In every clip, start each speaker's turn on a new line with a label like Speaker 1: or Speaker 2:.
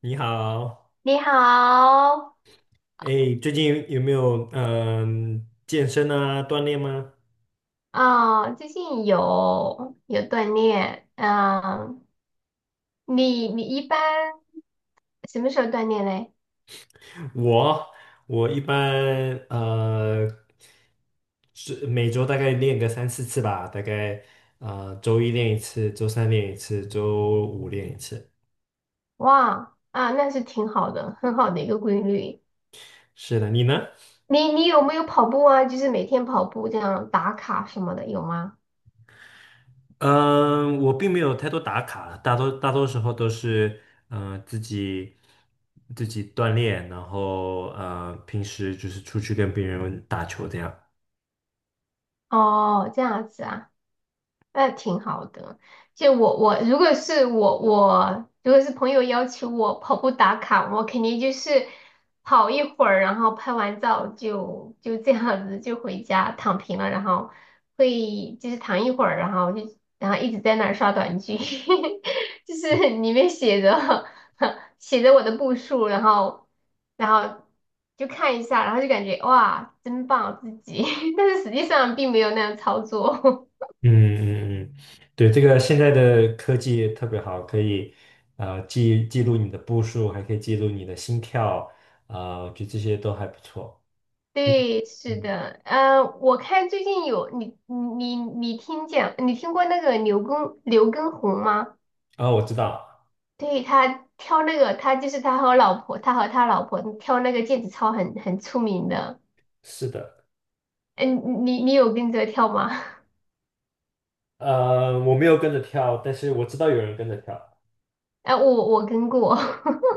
Speaker 1: 你好，
Speaker 2: 你好。
Speaker 1: 哎，最近有没有健身啊锻炼吗？
Speaker 2: 最近有锻炼。你一般什么时候锻炼嘞？
Speaker 1: 我我一般呃是每周大概练个三四次吧，大概周一练一次，周三练一次，周五练一次。
Speaker 2: 哇，啊，那是挺好的，很好的一个规律。
Speaker 1: 是的，你呢？
Speaker 2: 你有没有跑步啊？就是每天跑步这样打卡什么的，有吗？
Speaker 1: 嗯、我并没有太多打卡，大多时候都是嗯、呃自己自己锻炼，然后平时就是出去跟别人打球这样。
Speaker 2: 哦，这样子啊，那挺好的。就我如果是朋友要求我跑步打卡，我肯定就是跑一会儿，然后拍完照就这样子就回家躺平了，然后会就是躺一会儿，然后就然后一直在那儿刷短剧，就是里面写着 写着我的步数，然后就看一下，然后就感觉哇真棒自己，但是实际上并没有那样操作。
Speaker 1: 嗯嗯嗯，对，这个现在的科技特别好，可以记录你的步数，还可以记录你的心跳，我觉得这些都还不错。嗯，
Speaker 2: 对，是
Speaker 1: 嗯。
Speaker 2: 的，嗯，我看最近有你你你听见，你听过那个刘畊宏吗？
Speaker 1: 我知道。
Speaker 2: 对，他跳那个，他就是他和老婆，他和他老婆跳那个毽子操很出名的。
Speaker 1: 是的。
Speaker 2: 嗯，你有跟着跳吗？
Speaker 1: 呃，我没有跟着跳，但是我知道有人跟着跳。
Speaker 2: 哎、我跟过，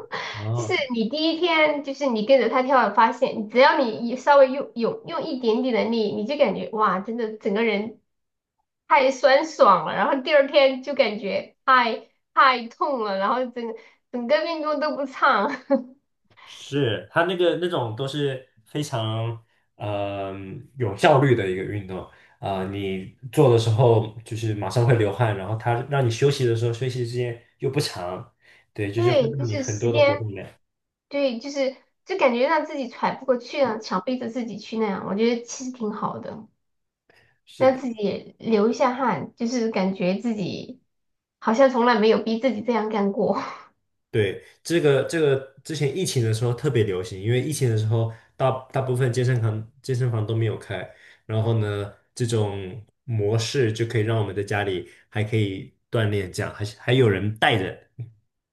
Speaker 2: 就
Speaker 1: 哦，
Speaker 2: 是你第一天就是你跟着他跳，发现只要你一稍微用一点点的力，你就感觉哇，真的整个人太酸爽了，然后第二天就感觉太痛了，然后整个运动都不畅。
Speaker 1: 是，他那个那种都是非常呃有效率的一个运动。你做的时候就是马上会流汗，然后它让你休息的时候休息时间又不长，对，就是会
Speaker 2: 对，就
Speaker 1: 让你
Speaker 2: 是
Speaker 1: 很
Speaker 2: 时
Speaker 1: 多的活
Speaker 2: 间，
Speaker 1: 动量。
Speaker 2: 对，就是就感觉让自己喘不过气了，强逼着自己去那样，我觉得其实挺好的，
Speaker 1: 是
Speaker 2: 让
Speaker 1: 的。
Speaker 2: 自己也流一下汗，就是感觉自己好像从来没有逼自己这样干过。
Speaker 1: 对，这个之前疫情的时候特别流行，因为疫情的时候大部分健身房都没有开，然后呢这种模式就可以让我们在家里还可以锻炼，这样还是还有人带着。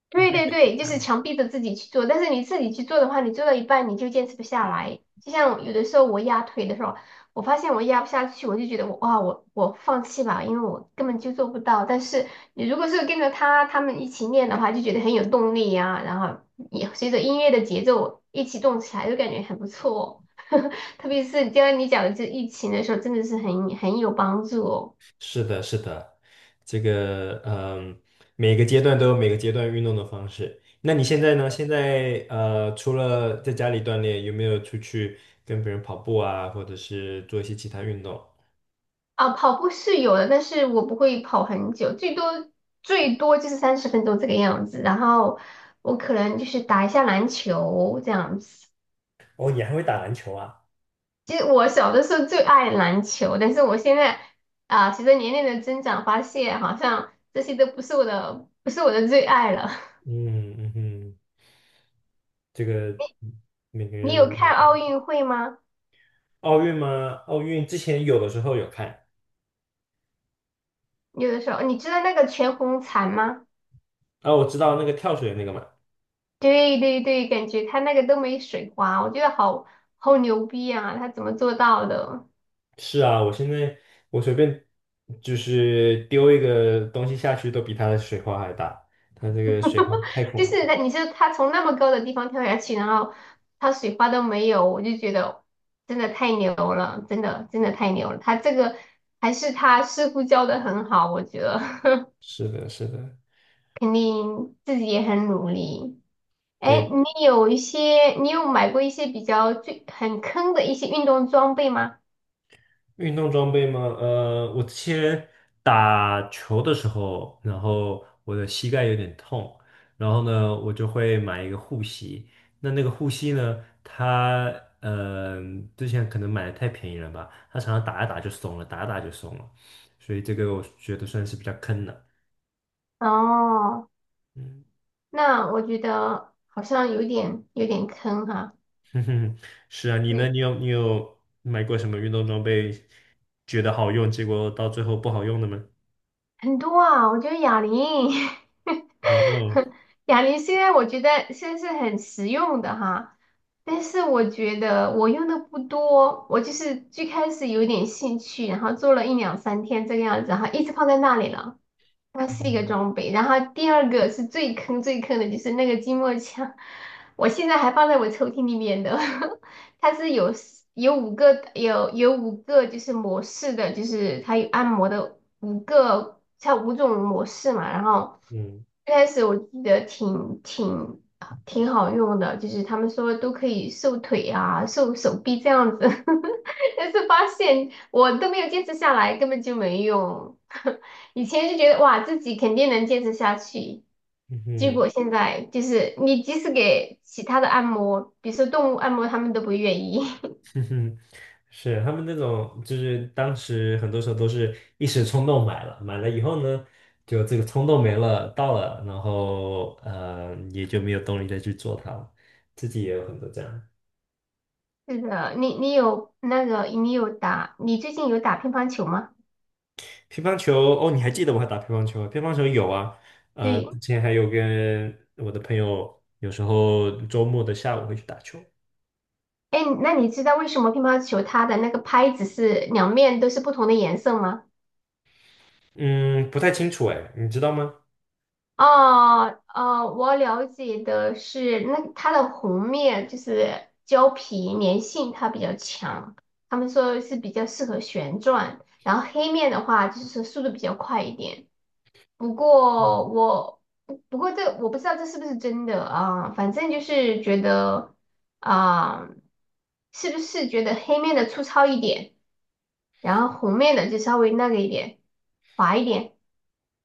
Speaker 2: 对对对，就是强逼着自己去做，但是你自己去做的话，你做到一半你就坚持不下来。就像有的时候我压腿的时候，我发现我压不下去，我就觉得我哇，我放弃吧，因为我根本就做不到。但是你如果是跟着他们一起练的话，就觉得很有动力呀、然后也随着音乐的节奏一起动起来，就感觉很不错哦 特别是就像你讲的这疫情的时候，真的是很有帮助哦。
Speaker 1: 是的，是的，这个嗯，每个阶段都有每个阶段运动的方式。那你现在呢？现在，除了在家里锻炼，有没有出去跟别人跑步啊，或者是做一些其他运动？
Speaker 2: 啊，跑步是有的，但是我不会跑很久，最多就是30分钟这个样子。然后我可能就是打一下篮球这样子。
Speaker 1: 哦，你还会打篮球啊？
Speaker 2: 其实我小的时候最爱篮球，但是我现在啊，随着年龄的增长，发现好像这些都不是我的，不是我的最爱了。
Speaker 1: 嗯嗯哼，这个每个
Speaker 2: 你
Speaker 1: 人
Speaker 2: 有
Speaker 1: 的那
Speaker 2: 看
Speaker 1: 个。
Speaker 2: 奥运会吗？
Speaker 1: 奥运吗？奥运之前有的时候有看。
Speaker 2: 有的时候，你知道那个全红婵吗？
Speaker 1: 啊，我知道那个跳水那个嘛。
Speaker 2: 对对对，感觉他那个都没水花，我觉得好牛逼啊，他怎么做到的？
Speaker 1: 是啊，我现在我随便就是丢一个东西下去，都比它的水花还大。它这个水花太
Speaker 2: 就
Speaker 1: 恐
Speaker 2: 是
Speaker 1: 怖了。
Speaker 2: 那你说他从那么高的地方跳下去，然后他水花都没有，我就觉得真的太牛了，真的真的太牛了。他这个还是他师傅教的很好，我觉得
Speaker 1: 是的，是的。
Speaker 2: 肯定自己也很努力。哎，
Speaker 1: 对，
Speaker 2: 你有买过一些比较最很坑的一些运动装备吗？
Speaker 1: 运动装备嘛，呃，我之前打球的时候，然后我的膝盖有点痛，然后呢，我就会买一个护膝。那那个护膝呢，它呃之前可能买的太便宜了吧，它常常打一打就松了，打一打就松了，所以这个我觉得算是比较坑的。
Speaker 2: 哦，
Speaker 1: 嗯。
Speaker 2: 那我觉得好像有点坑哈，
Speaker 1: 哼哼，是啊，你呢？
Speaker 2: 对，
Speaker 1: 你有买过什么运动装备，觉得好用，结果到最后不好用的吗？
Speaker 2: 很多啊，我觉得哑铃。
Speaker 1: 然后，
Speaker 2: 哑铃虽然我觉得现在是很实用的哈，但是我觉得我用的不多，我就是最开始有点兴趣，然后做了一两三天这个样子哈，一直放在那里了。它是一个
Speaker 1: 嗯
Speaker 2: 装备。然后第二个是最坑的，就是那个筋膜枪，我现在还放在我抽屉里面的。它是有五个就是模式的，就是它有按摩的五个，它五种模式嘛。然后
Speaker 1: 嗯
Speaker 2: 一开始我记得挺好用的，就是他们说都可以瘦腿啊、瘦手臂这样子，但是发现我都没有坚持下来，根本就没用。以前就觉得哇，自己肯定能坚持下去，
Speaker 1: 嗯
Speaker 2: 结
Speaker 1: 哼
Speaker 2: 果现在就是你即使给其他的按摩，比如说动物按摩，他们都不愿意。
Speaker 1: 哼哼，是他们那种，就是当时很多时候都是一时冲动买了，买了以后呢，就这个冲动没了，到了，然后，也就没有动力再去做它了。自己也有很多这样。
Speaker 2: 是的，你你有那个，你有打，你最近有打乒乓球吗？
Speaker 1: 乒乓球哦，你还记得我还打乒乓球？啊？乒乓球有啊，呃，
Speaker 2: 对，
Speaker 1: 之前还有跟我的朋友，有时候周末的下午会去打球。
Speaker 2: 哎，那你知道为什么乒乓球它的那个拍子是两面都是不同的颜色吗？
Speaker 1: 嗯，不太清楚哎，你知道吗？
Speaker 2: 哦，哦，我了解的是，那它的红面就是胶皮粘性它比较强，他们说是比较适合旋转，然后黑面的话就是速度比较快一点。不过我不不过这我不知道这是不是真的啊，反正就是觉得啊，是不是觉得黑面的粗糙一点，然后红面的就稍微那个一点，滑一点，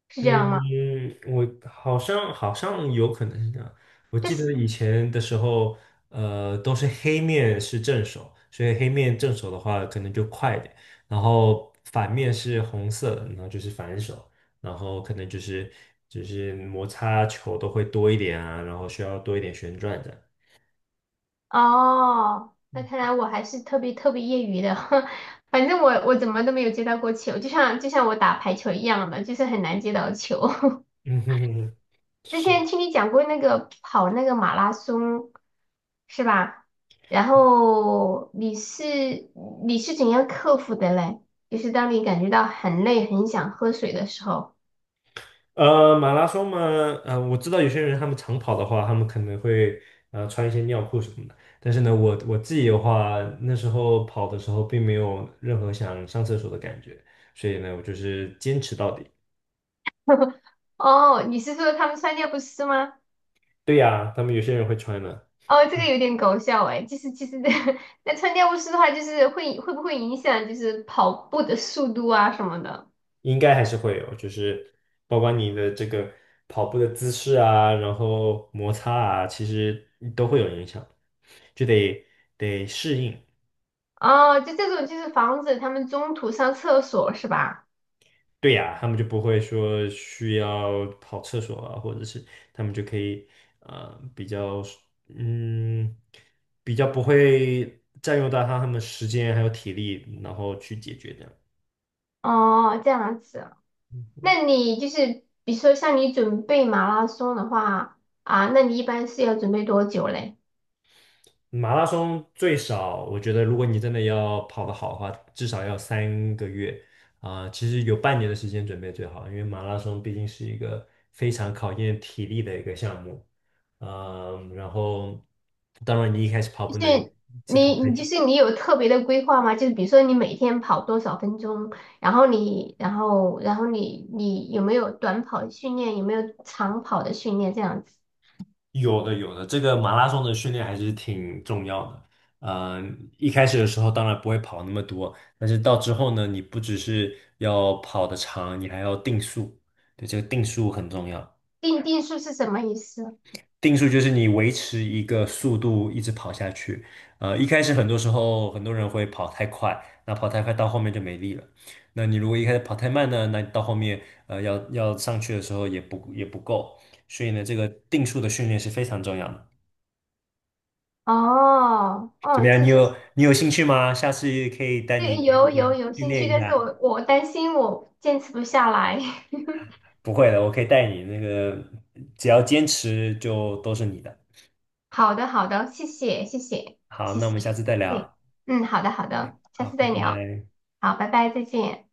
Speaker 2: 是这样吗？
Speaker 1: 嗯，我好像有可能是这样。我
Speaker 2: 这
Speaker 1: 记得
Speaker 2: 是。
Speaker 1: 以前的时候，呃，都是黑面是正手，所以黑面正手的话可能就快一点，然后反面是红色的然后就是反手，然后可能就是就是摩擦球都会多一点啊，然后需要多一点旋转的。
Speaker 2: 哦，那看来我还是特别业余的，反正我怎么都没有接到过球，就像我打排球一样的，就是很难接到球。
Speaker 1: 嗯哼哼哼，
Speaker 2: 之前
Speaker 1: 是。
Speaker 2: 听你讲过那个跑那个马拉松，是吧？然后你是你是怎样克服的嘞？就是当你感觉到很累、很想喝水的时候。
Speaker 1: 呃，马拉松嘛，呃，我知道有些人他们长跑的话，他们可能会穿一些尿裤什么的。但是呢，我我自己的话，那时候跑的时候并没有任何想上厕所的感觉，所以呢，我就是坚持到底。
Speaker 2: 哦，你是说他们穿尿不湿吗？
Speaker 1: 对呀，他们有些人会穿的。
Speaker 2: 哦，这个有点搞笑哎，就是其实 那穿尿不湿的话，就是会不会影响就是跑步的速度啊什么的？
Speaker 1: 应该还是会有，就是包括你的这个跑步的姿势啊，然后摩擦啊，其实都会有影响，就得得适应。
Speaker 2: 哦，就这种就是防止他们中途上厕所是吧？
Speaker 1: 对呀，他们就不会说需要跑厕所啊，或者是他们就可以比较嗯比较不会占用到他们时间还有体力，然后去解决这样。
Speaker 2: 哦，这样子，那你就是比如说像你准备马拉松的话啊，那你一般是要准备多久嘞？
Speaker 1: 马拉松最少，我觉得如果你真的要跑得好的话，至少要三个月啊，其实有半年的时间准备最好，因为马拉松毕竟是一个非常考验体力的一个项目。嗯，然后当然你一开始跑不能一次跑
Speaker 2: 你
Speaker 1: 太
Speaker 2: 你就
Speaker 1: 久。
Speaker 2: 是你有特别的规划吗？就是比如说你每天跑多少分钟，然后你然后然后你你有没有短跑训练，有没有长跑的训练这样子？
Speaker 1: 有的有的，这个马拉松的训练还是挺重要的。一开始的时候当然不会跑那么多，但是到之后呢，你不只是要跑得长，你还要定速。对，这个定速很重要。
Speaker 2: 定数是什么意思？
Speaker 1: 定速就是你维持一个速度一直跑下去。呃，一开始很多时候很多人会跑太快，那跑太快到后面就没力了。那你如果一开始跑太慢呢，那你到后面要上去的时候也不够。所以呢，这个定速的训练是非常重要的。
Speaker 2: 哦
Speaker 1: 怎
Speaker 2: 哦，
Speaker 1: 么样？
Speaker 2: 这
Speaker 1: 你有兴趣吗？下次可以带你
Speaker 2: 这
Speaker 1: 一
Speaker 2: 有有
Speaker 1: 起
Speaker 2: 有
Speaker 1: 训
Speaker 2: 兴趣，
Speaker 1: 练一
Speaker 2: 但是
Speaker 1: 下。
Speaker 2: 我担心我坚持不下来。
Speaker 1: 不会的，我可以带你。那个只要坚持，就都是你的。
Speaker 2: 好的,谢谢
Speaker 1: 好，
Speaker 2: 谢
Speaker 1: 那我们下
Speaker 2: 谢，
Speaker 1: 次再
Speaker 2: 对，
Speaker 1: 聊。
Speaker 2: 嗯，好的好的，下
Speaker 1: 好，
Speaker 2: 次
Speaker 1: 拜
Speaker 2: 再聊，
Speaker 1: 拜。
Speaker 2: 好，拜拜，再见。